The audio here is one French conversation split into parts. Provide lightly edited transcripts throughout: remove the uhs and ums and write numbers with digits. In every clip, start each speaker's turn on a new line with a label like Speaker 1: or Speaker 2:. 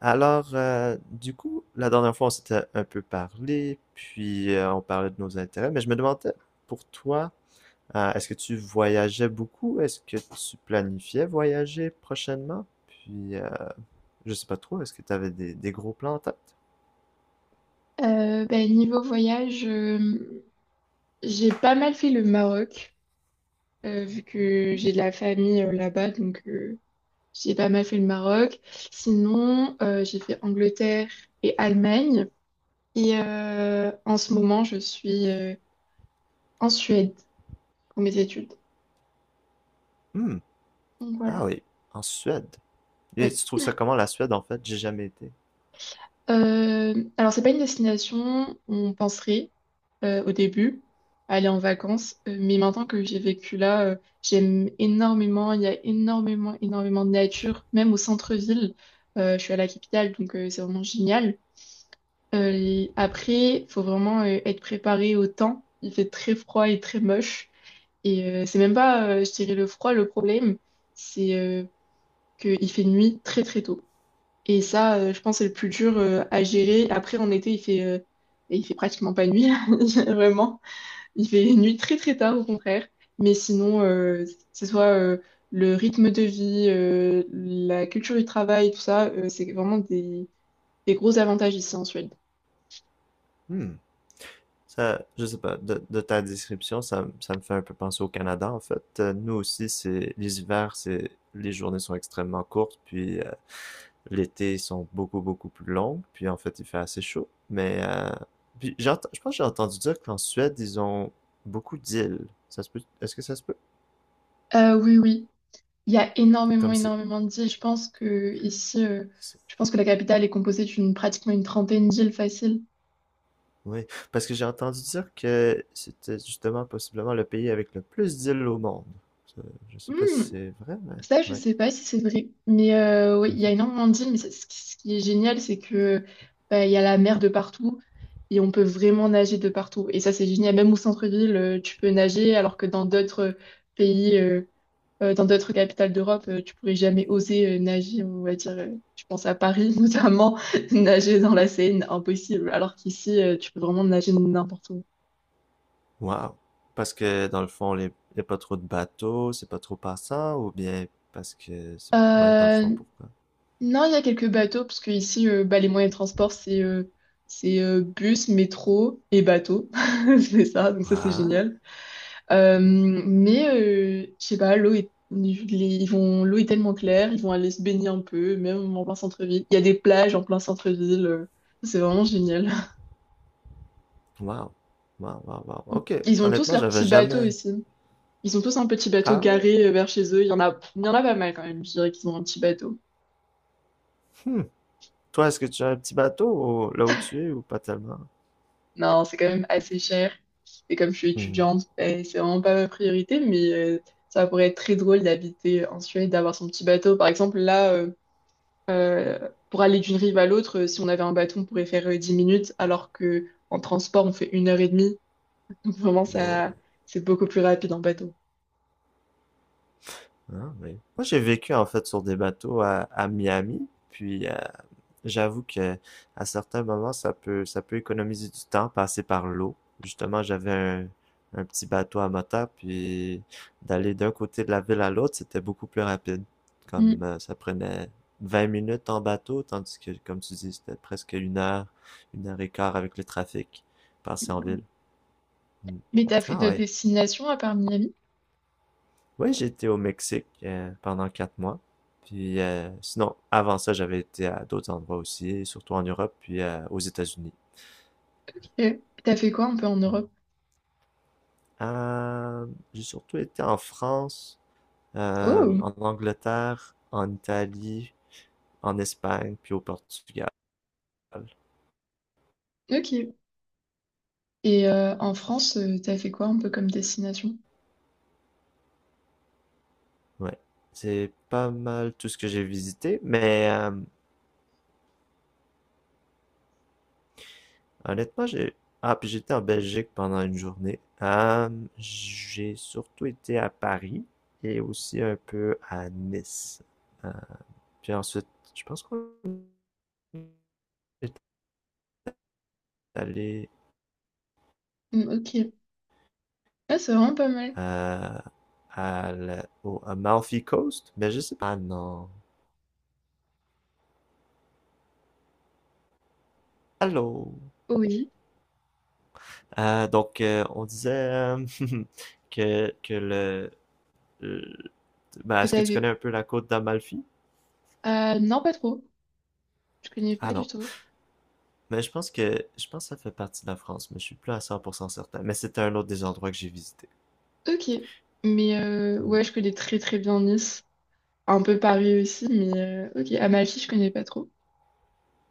Speaker 1: Alors, la dernière fois, on s'était un peu parlé, puis on parlait de nos intérêts, mais je me demandais, pour toi, est-ce que tu voyageais beaucoup? Est-ce que tu planifiais voyager prochainement? Puis je sais pas trop, est-ce que tu avais des gros plans en tête?
Speaker 2: Niveau voyage, j'ai pas mal fait le Maroc, vu que j'ai de la famille là-bas, j'ai pas mal fait le Maroc. Sinon, j'ai fait Angleterre et Allemagne. En ce moment, je suis en Suède pour mes études.
Speaker 1: Hmm.
Speaker 2: Donc voilà,
Speaker 1: Ah oui, en Suède. Et
Speaker 2: oui.
Speaker 1: tu trouves ça comment la Suède, en fait? J'ai jamais été.
Speaker 2: Alors, c'est pas une destination, on penserait, au début, aller en vacances. Mais maintenant que j'ai vécu là, j'aime énormément. Il y a énormément, énormément de nature, même au centre-ville. Je suis à la capitale, c'est vraiment génial. Et après, il faut vraiment être préparé au temps. Il fait très froid et très moche. C'est même pas, je dirais, le froid le problème, c'est qu'il fait nuit très très tôt. Et ça, je pense, c'est le plus dur à gérer. Après, en été, il fait pratiquement pas nuit, vraiment. Il fait nuit très très tard au contraire, mais sinon, c'est soit le rythme de vie, la culture du travail, tout ça, c'est vraiment des gros avantages ici en Suède.
Speaker 1: Hmm. Ça, je sais pas, de ta description, ça, ça me fait un peu penser au Canada, en fait. Nous aussi, c'est, les hivers, c'est, les journées sont extrêmement courtes, puis l'été, sont beaucoup, beaucoup plus longues. Puis en fait, il fait assez chaud. Puis je pense que j'ai entendu dire qu'en Suède, ils ont beaucoup d'îles. Ça se peut? Est-ce que ça se peut?
Speaker 2: Oui, oui, il y a énormément,
Speaker 1: Comme c'est...
Speaker 2: énormément d'îles. Je pense que ici,
Speaker 1: c'est-
Speaker 2: je pense que la capitale est composée d'une pratiquement une trentaine d'îles faciles.
Speaker 1: Oui, parce que j'ai entendu dire que c'était justement possiblement le pays avec le plus d'îles au monde. Ça, je sais pas si c'est vrai, mais
Speaker 2: Ça, je
Speaker 1: oui.
Speaker 2: sais pas si c'est vrai, mais oui, il y a
Speaker 1: Mhm.
Speaker 2: énormément de d'îles, mais ça, ce qui est génial, c'est que bah, il y a la mer de partout et on peut vraiment nager de partout. Et ça, c'est génial. Même au centre-ville, tu peux nager, alors que dans d'autres pays, dans d'autres capitales d'Europe, tu pourrais jamais oser nager. On va dire, je pense à Paris notamment, nager dans la Seine, impossible. Alors qu'ici, tu peux vraiment nager n'importe où.
Speaker 1: Wow. Parce que dans le fond, il n'y a pas trop de bateaux, c'est pas trop passant, ou bien parce que ouais, dans le
Speaker 2: Euh,
Speaker 1: fond, pourquoi?
Speaker 2: Non, il y a quelques bateaux, parce que ici, bah, les moyens de transport, c'est bus, métro et bateau. C'est ça, donc ça, c'est
Speaker 1: Wow.
Speaker 2: génial. Mais, je sais pas, ils vont, l'eau est tellement claire, ils vont aller se baigner un peu, même en plein centre-ville. Il y a des plages en plein centre-ville, c'est vraiment génial.
Speaker 1: Wow. Wow, wow, wow. OK.
Speaker 2: Ils ont tous
Speaker 1: Honnêtement,
Speaker 2: leur
Speaker 1: j'avais
Speaker 2: petit bateau
Speaker 1: jamais.
Speaker 2: ici. Ils ont tous un petit bateau
Speaker 1: Ah,
Speaker 2: garé vers chez eux. Il y en a pas mal quand même, je dirais qu'ils ont un petit bateau.
Speaker 1: hmm. Toi, est-ce que tu as un petit bateau là où tu es ou pas tellement?
Speaker 2: Non, c'est quand même assez cher. Et comme je suis
Speaker 1: Hmm.
Speaker 2: étudiante, ben, c'est vraiment pas ma priorité, ça pourrait être très drôle d'habiter en Suède, d'avoir son petit bateau. Par exemple, là, pour aller d'une rive à l'autre, si on avait un bateau, on pourrait faire 10 minutes, alors que en transport, on fait une heure et demie. Donc vraiment,
Speaker 1: Wow.
Speaker 2: ça, c'est beaucoup plus rapide en bateau.
Speaker 1: Ah, oui. Moi, j'ai vécu en fait sur des bateaux à Miami, puis j'avoue que à certains moments, ça peut économiser du temps, passer par l'eau. Justement, un petit bateau à moteur, puis d'aller d'un côté de la ville à l'autre, c'était beaucoup plus rapide. Comme
Speaker 2: Hmm.
Speaker 1: Ça prenait 20 minutes en bateau, tandis que, comme tu dis, c'était une heure et quart avec le trafic, passer en ville. Mm.
Speaker 2: Mais t'as fait
Speaker 1: Ah
Speaker 2: d'autres
Speaker 1: ouais.
Speaker 2: destinations à part Miami?
Speaker 1: Ouais, j'étais au Mexique pendant quatre mois. Puis Sinon, avant ça, j'avais été à d'autres endroits aussi, surtout en Europe, puis aux États-Unis.
Speaker 2: Ok. T'as fait quoi un peu en Europe?
Speaker 1: Euh, j'ai surtout été en France,
Speaker 2: Oh,
Speaker 1: en Angleterre, en Italie, en Espagne, puis au Portugal.
Speaker 2: ok. En France, t'as fait quoi un peu comme destination?
Speaker 1: Ouais, c'est pas mal tout ce que j'ai visité, mais Honnêtement, j'ai... Ah, puis j'étais en Belgique pendant une journée. J'ai surtout été à Paris et aussi un peu à Nice. Euh, puis ensuite, je pense qu'on est allé
Speaker 2: Mm, ok. Ah, c'est vraiment pas mal.
Speaker 1: euh, à au Amalfi Coast, mais je sais pas. Ah non. Allô.
Speaker 2: Oui,
Speaker 1: Donc on disait que, que le... le- Ben,
Speaker 2: que
Speaker 1: est-ce que
Speaker 2: t'as
Speaker 1: tu
Speaker 2: vu.
Speaker 1: connais un peu la côte d'Amalfi?
Speaker 2: Non, pas trop. Je connais
Speaker 1: Ah
Speaker 2: pas du
Speaker 1: non.
Speaker 2: tout.
Speaker 1: Mais je pense que ça fait partie de la France, mais je suis plus à 100% certain. Mais c'était un autre des endroits que j'ai visité.
Speaker 2: Ok.
Speaker 1: Ouais.
Speaker 2: Ouais, je connais très très bien Nice. Un peu Paris aussi, mais ok. Amalfi, je connais pas trop.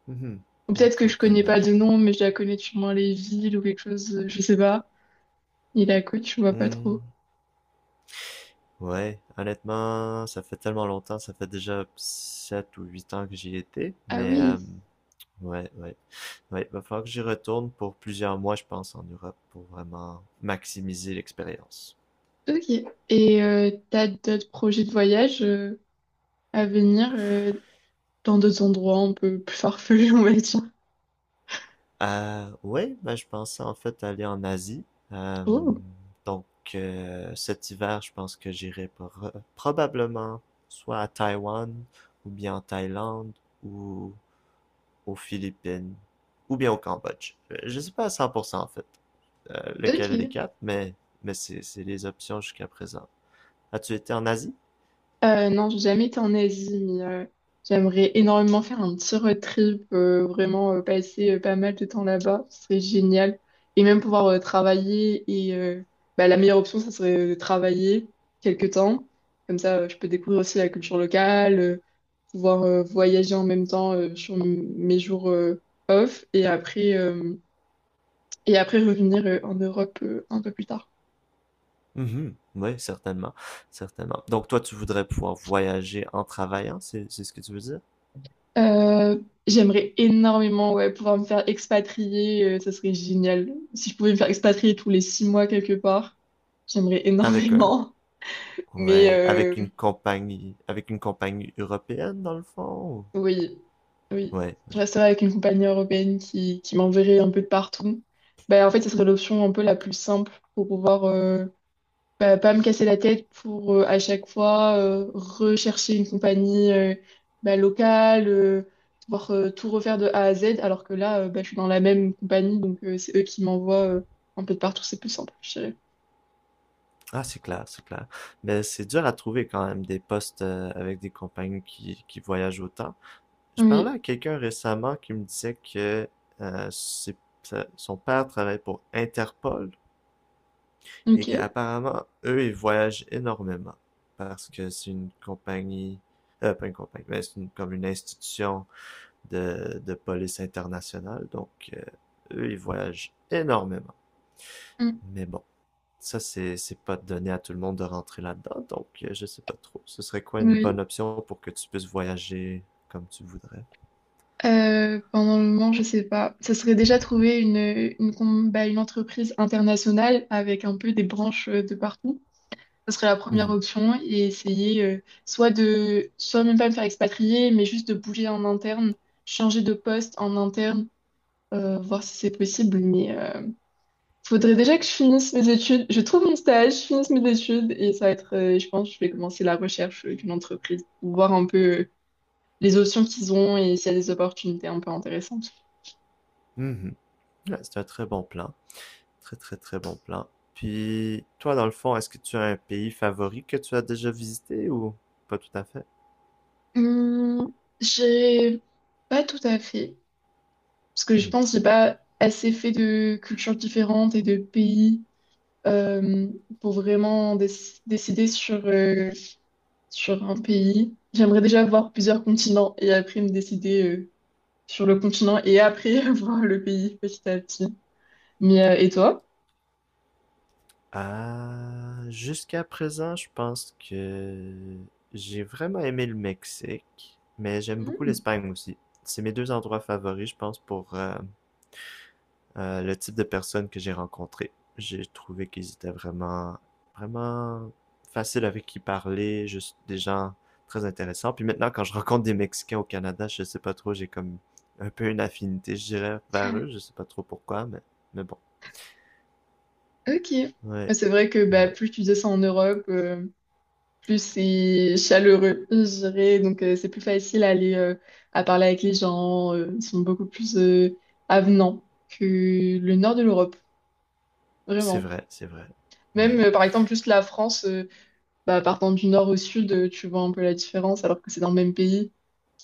Speaker 1: Mhm.
Speaker 2: Ou
Speaker 1: La
Speaker 2: peut-être que je
Speaker 1: côte
Speaker 2: connais pas
Speaker 1: d'Amalfi.
Speaker 2: de nom, mais je la connais sûrement moins les villes ou quelque chose, je sais pas. Et la côte, je vois pas
Speaker 1: Hmm.
Speaker 2: trop.
Speaker 1: Ouais, honnêtement, ça fait tellement longtemps, ça fait déjà 7 ou 8 ans que j'y étais,
Speaker 2: Ah
Speaker 1: mais
Speaker 2: oui,
Speaker 1: euh, ouais, ouais. Ouais, va falloir que j'y retourne pour plusieurs mois, je pense, en Europe pour vraiment maximiser l'expérience.
Speaker 2: ok. T'as d'autres projets de voyage à venir dans d'autres endroits un peu plus farfelus, on va dire.
Speaker 1: Ouais, ben, je pensais en fait aller en Asie. Euh,
Speaker 2: Oh,
Speaker 1: donc cet hiver, je pense que probablement soit à Taïwan, ou bien en Thaïlande, ou aux Philippines, ou bien au Cambodge. Je sais pas à 100% en fait lequel des
Speaker 2: ok.
Speaker 1: quatre, mais c'est les options jusqu'à présent. As-tu été en Asie?
Speaker 2: Non, j'ai jamais été en Asie, j'aimerais énormément faire un petit road trip, vraiment passer pas mal de temps là-bas, ce serait génial. Et même pouvoir travailler, bah, la meilleure option, ça serait de travailler quelques temps. Comme ça, je peux découvrir aussi la culture locale, pouvoir voyager en même temps sur mes jours off, et après revenir en Europe un peu plus tard.
Speaker 1: Mhm. Oui, certainement, certainement. Donc toi, tu voudrais pouvoir voyager en travaillant, c'est ce que tu veux dire?
Speaker 2: Euh, J'aimerais énormément ouais, pouvoir me faire expatrier, ça serait génial. Si je pouvais me faire expatrier tous les six mois quelque part, j'aimerais
Speaker 1: Avec un,
Speaker 2: énormément. Mais
Speaker 1: Ouais,
Speaker 2: euh,
Speaker 1: avec une compagnie européenne dans le fond.
Speaker 2: oui, oui,
Speaker 1: Ouais.
Speaker 2: je resterais avec une compagnie européenne qui m'enverrait un peu de partout. Ben, en fait, ce serait l'option un peu la plus simple pour pouvoir bah, pas me casser la tête pour à chaque fois rechercher une compagnie bah, locale, devoir tout refaire de A à Z, alors que là, bah, je suis dans la même compagnie, c'est eux qui m'envoient un peu de partout, c'est plus simple, je dirais.
Speaker 1: Ah, c'est clair, c'est clair. Mais c'est dur à trouver quand même des postes avec des compagnies qui voyagent autant. Je parlais
Speaker 2: Oui,
Speaker 1: à quelqu'un récemment qui me disait que euh, c'est- son père travaille pour Interpol et
Speaker 2: ok.
Speaker 1: qu'apparemment, eux, ils voyagent énormément parce que c'est une compagnie, pas une compagnie, mais comme une institution de police internationale. Donc, eux, ils voyagent énormément.
Speaker 2: Mm.
Speaker 1: Mais bon, ça, c'est pas donné à tout le monde de rentrer là-dedans. Donc, je sais pas trop. Ce serait quoi une bonne
Speaker 2: Oui.
Speaker 1: option pour que tu puisses voyager comme tu voudrais?
Speaker 2: Pendant le moment, je sais pas. Ça serait déjà trouver une, com- bah, une entreprise internationale avec un peu des branches de partout. Ça serait la première
Speaker 1: Mhm.
Speaker 2: option et essayer soit même pas me faire expatrier, mais juste de bouger en interne, changer de poste en interne, voir si c'est possible. Faudrait déjà que je finisse mes études, je trouve mon stage, je finisse mes études et ça va être, je pense, que je vais commencer la recherche d'une entreprise pour voir un peu les options qu'ils ont et s'il y a des opportunités un peu intéressantes.
Speaker 1: Mhm. Ouais, c'est un très bon plan. Très, très, très bon plan. Puis, toi, dans le fond, est-ce que tu as un pays favori que tu as déjà visité ou pas tout à fait?
Speaker 2: Hum, j'ai pas tout à fait, parce que je
Speaker 1: Hmm.
Speaker 2: pense que j'ai pas assez fait de cultures différentes et de pays euh, pour vraiment décider sur, sur un pays. J'aimerais déjà voir plusieurs continents et après me décider sur le continent et après voir le pays petit à petit. Mais et toi?
Speaker 1: Ah, jusqu'à présent, je pense que j'ai vraiment aimé le Mexique, mais j'aime beaucoup
Speaker 2: Hmm.
Speaker 1: l'Espagne aussi. C'est mes deux endroits favoris, je pense, pour le type de personnes que j'ai rencontrées. J'ai trouvé qu'ils étaient vraiment, vraiment faciles avec qui parler, juste des gens très intéressants. Puis maintenant, quand je rencontre des Mexicains au Canada, je sais pas trop, j'ai comme un peu une affinité, je dirais, vers eux. Je sais pas trop pourquoi, mais bon.
Speaker 2: Ok. Bah,
Speaker 1: Ouais,
Speaker 2: c'est vrai que bah,
Speaker 1: ouais.
Speaker 2: plus tu descends en Europe, plus c'est chaleureux, je dirais. C'est plus facile à aller à parler avec les gens. Ils sont beaucoup plus avenants que le nord de l'Europe,
Speaker 1: C'est
Speaker 2: vraiment.
Speaker 1: vrai, c'est vrai.
Speaker 2: Même
Speaker 1: Ouais.
Speaker 2: par exemple juste la France. Bah, partant du nord au sud, tu vois un peu la différence, alors que c'est dans le même pays.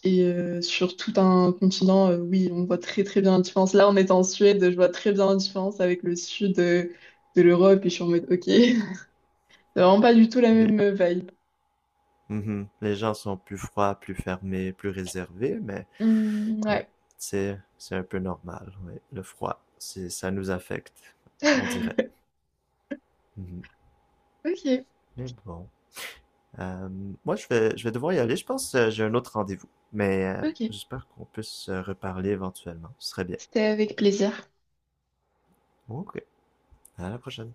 Speaker 2: Sur tout un continent, oui, on voit très très bien la différence. Là, on est en Suède, je vois très bien la différence avec le sud de l'Europe, et je suis en mode, ok, c'est vraiment pas du tout la
Speaker 1: Les...
Speaker 2: même vibe.
Speaker 1: Mhm. Les gens sont plus froids, plus fermés, plus réservés, mais
Speaker 2: Hmm,
Speaker 1: ouais,
Speaker 2: ouais.
Speaker 1: c'est un peu normal. Ouais. Le froid, c'est ça nous affecte, on dirait. Mhm.
Speaker 2: Ok,
Speaker 1: Mais bon, Euh, moi je vais devoir y aller. Je pense que j'ai un autre rendez-vous, mais
Speaker 2: ok.
Speaker 1: j'espère qu'on puisse se reparler éventuellement. Ce serait bien.
Speaker 2: C'était avec plaisir.
Speaker 1: Ok, à la prochaine.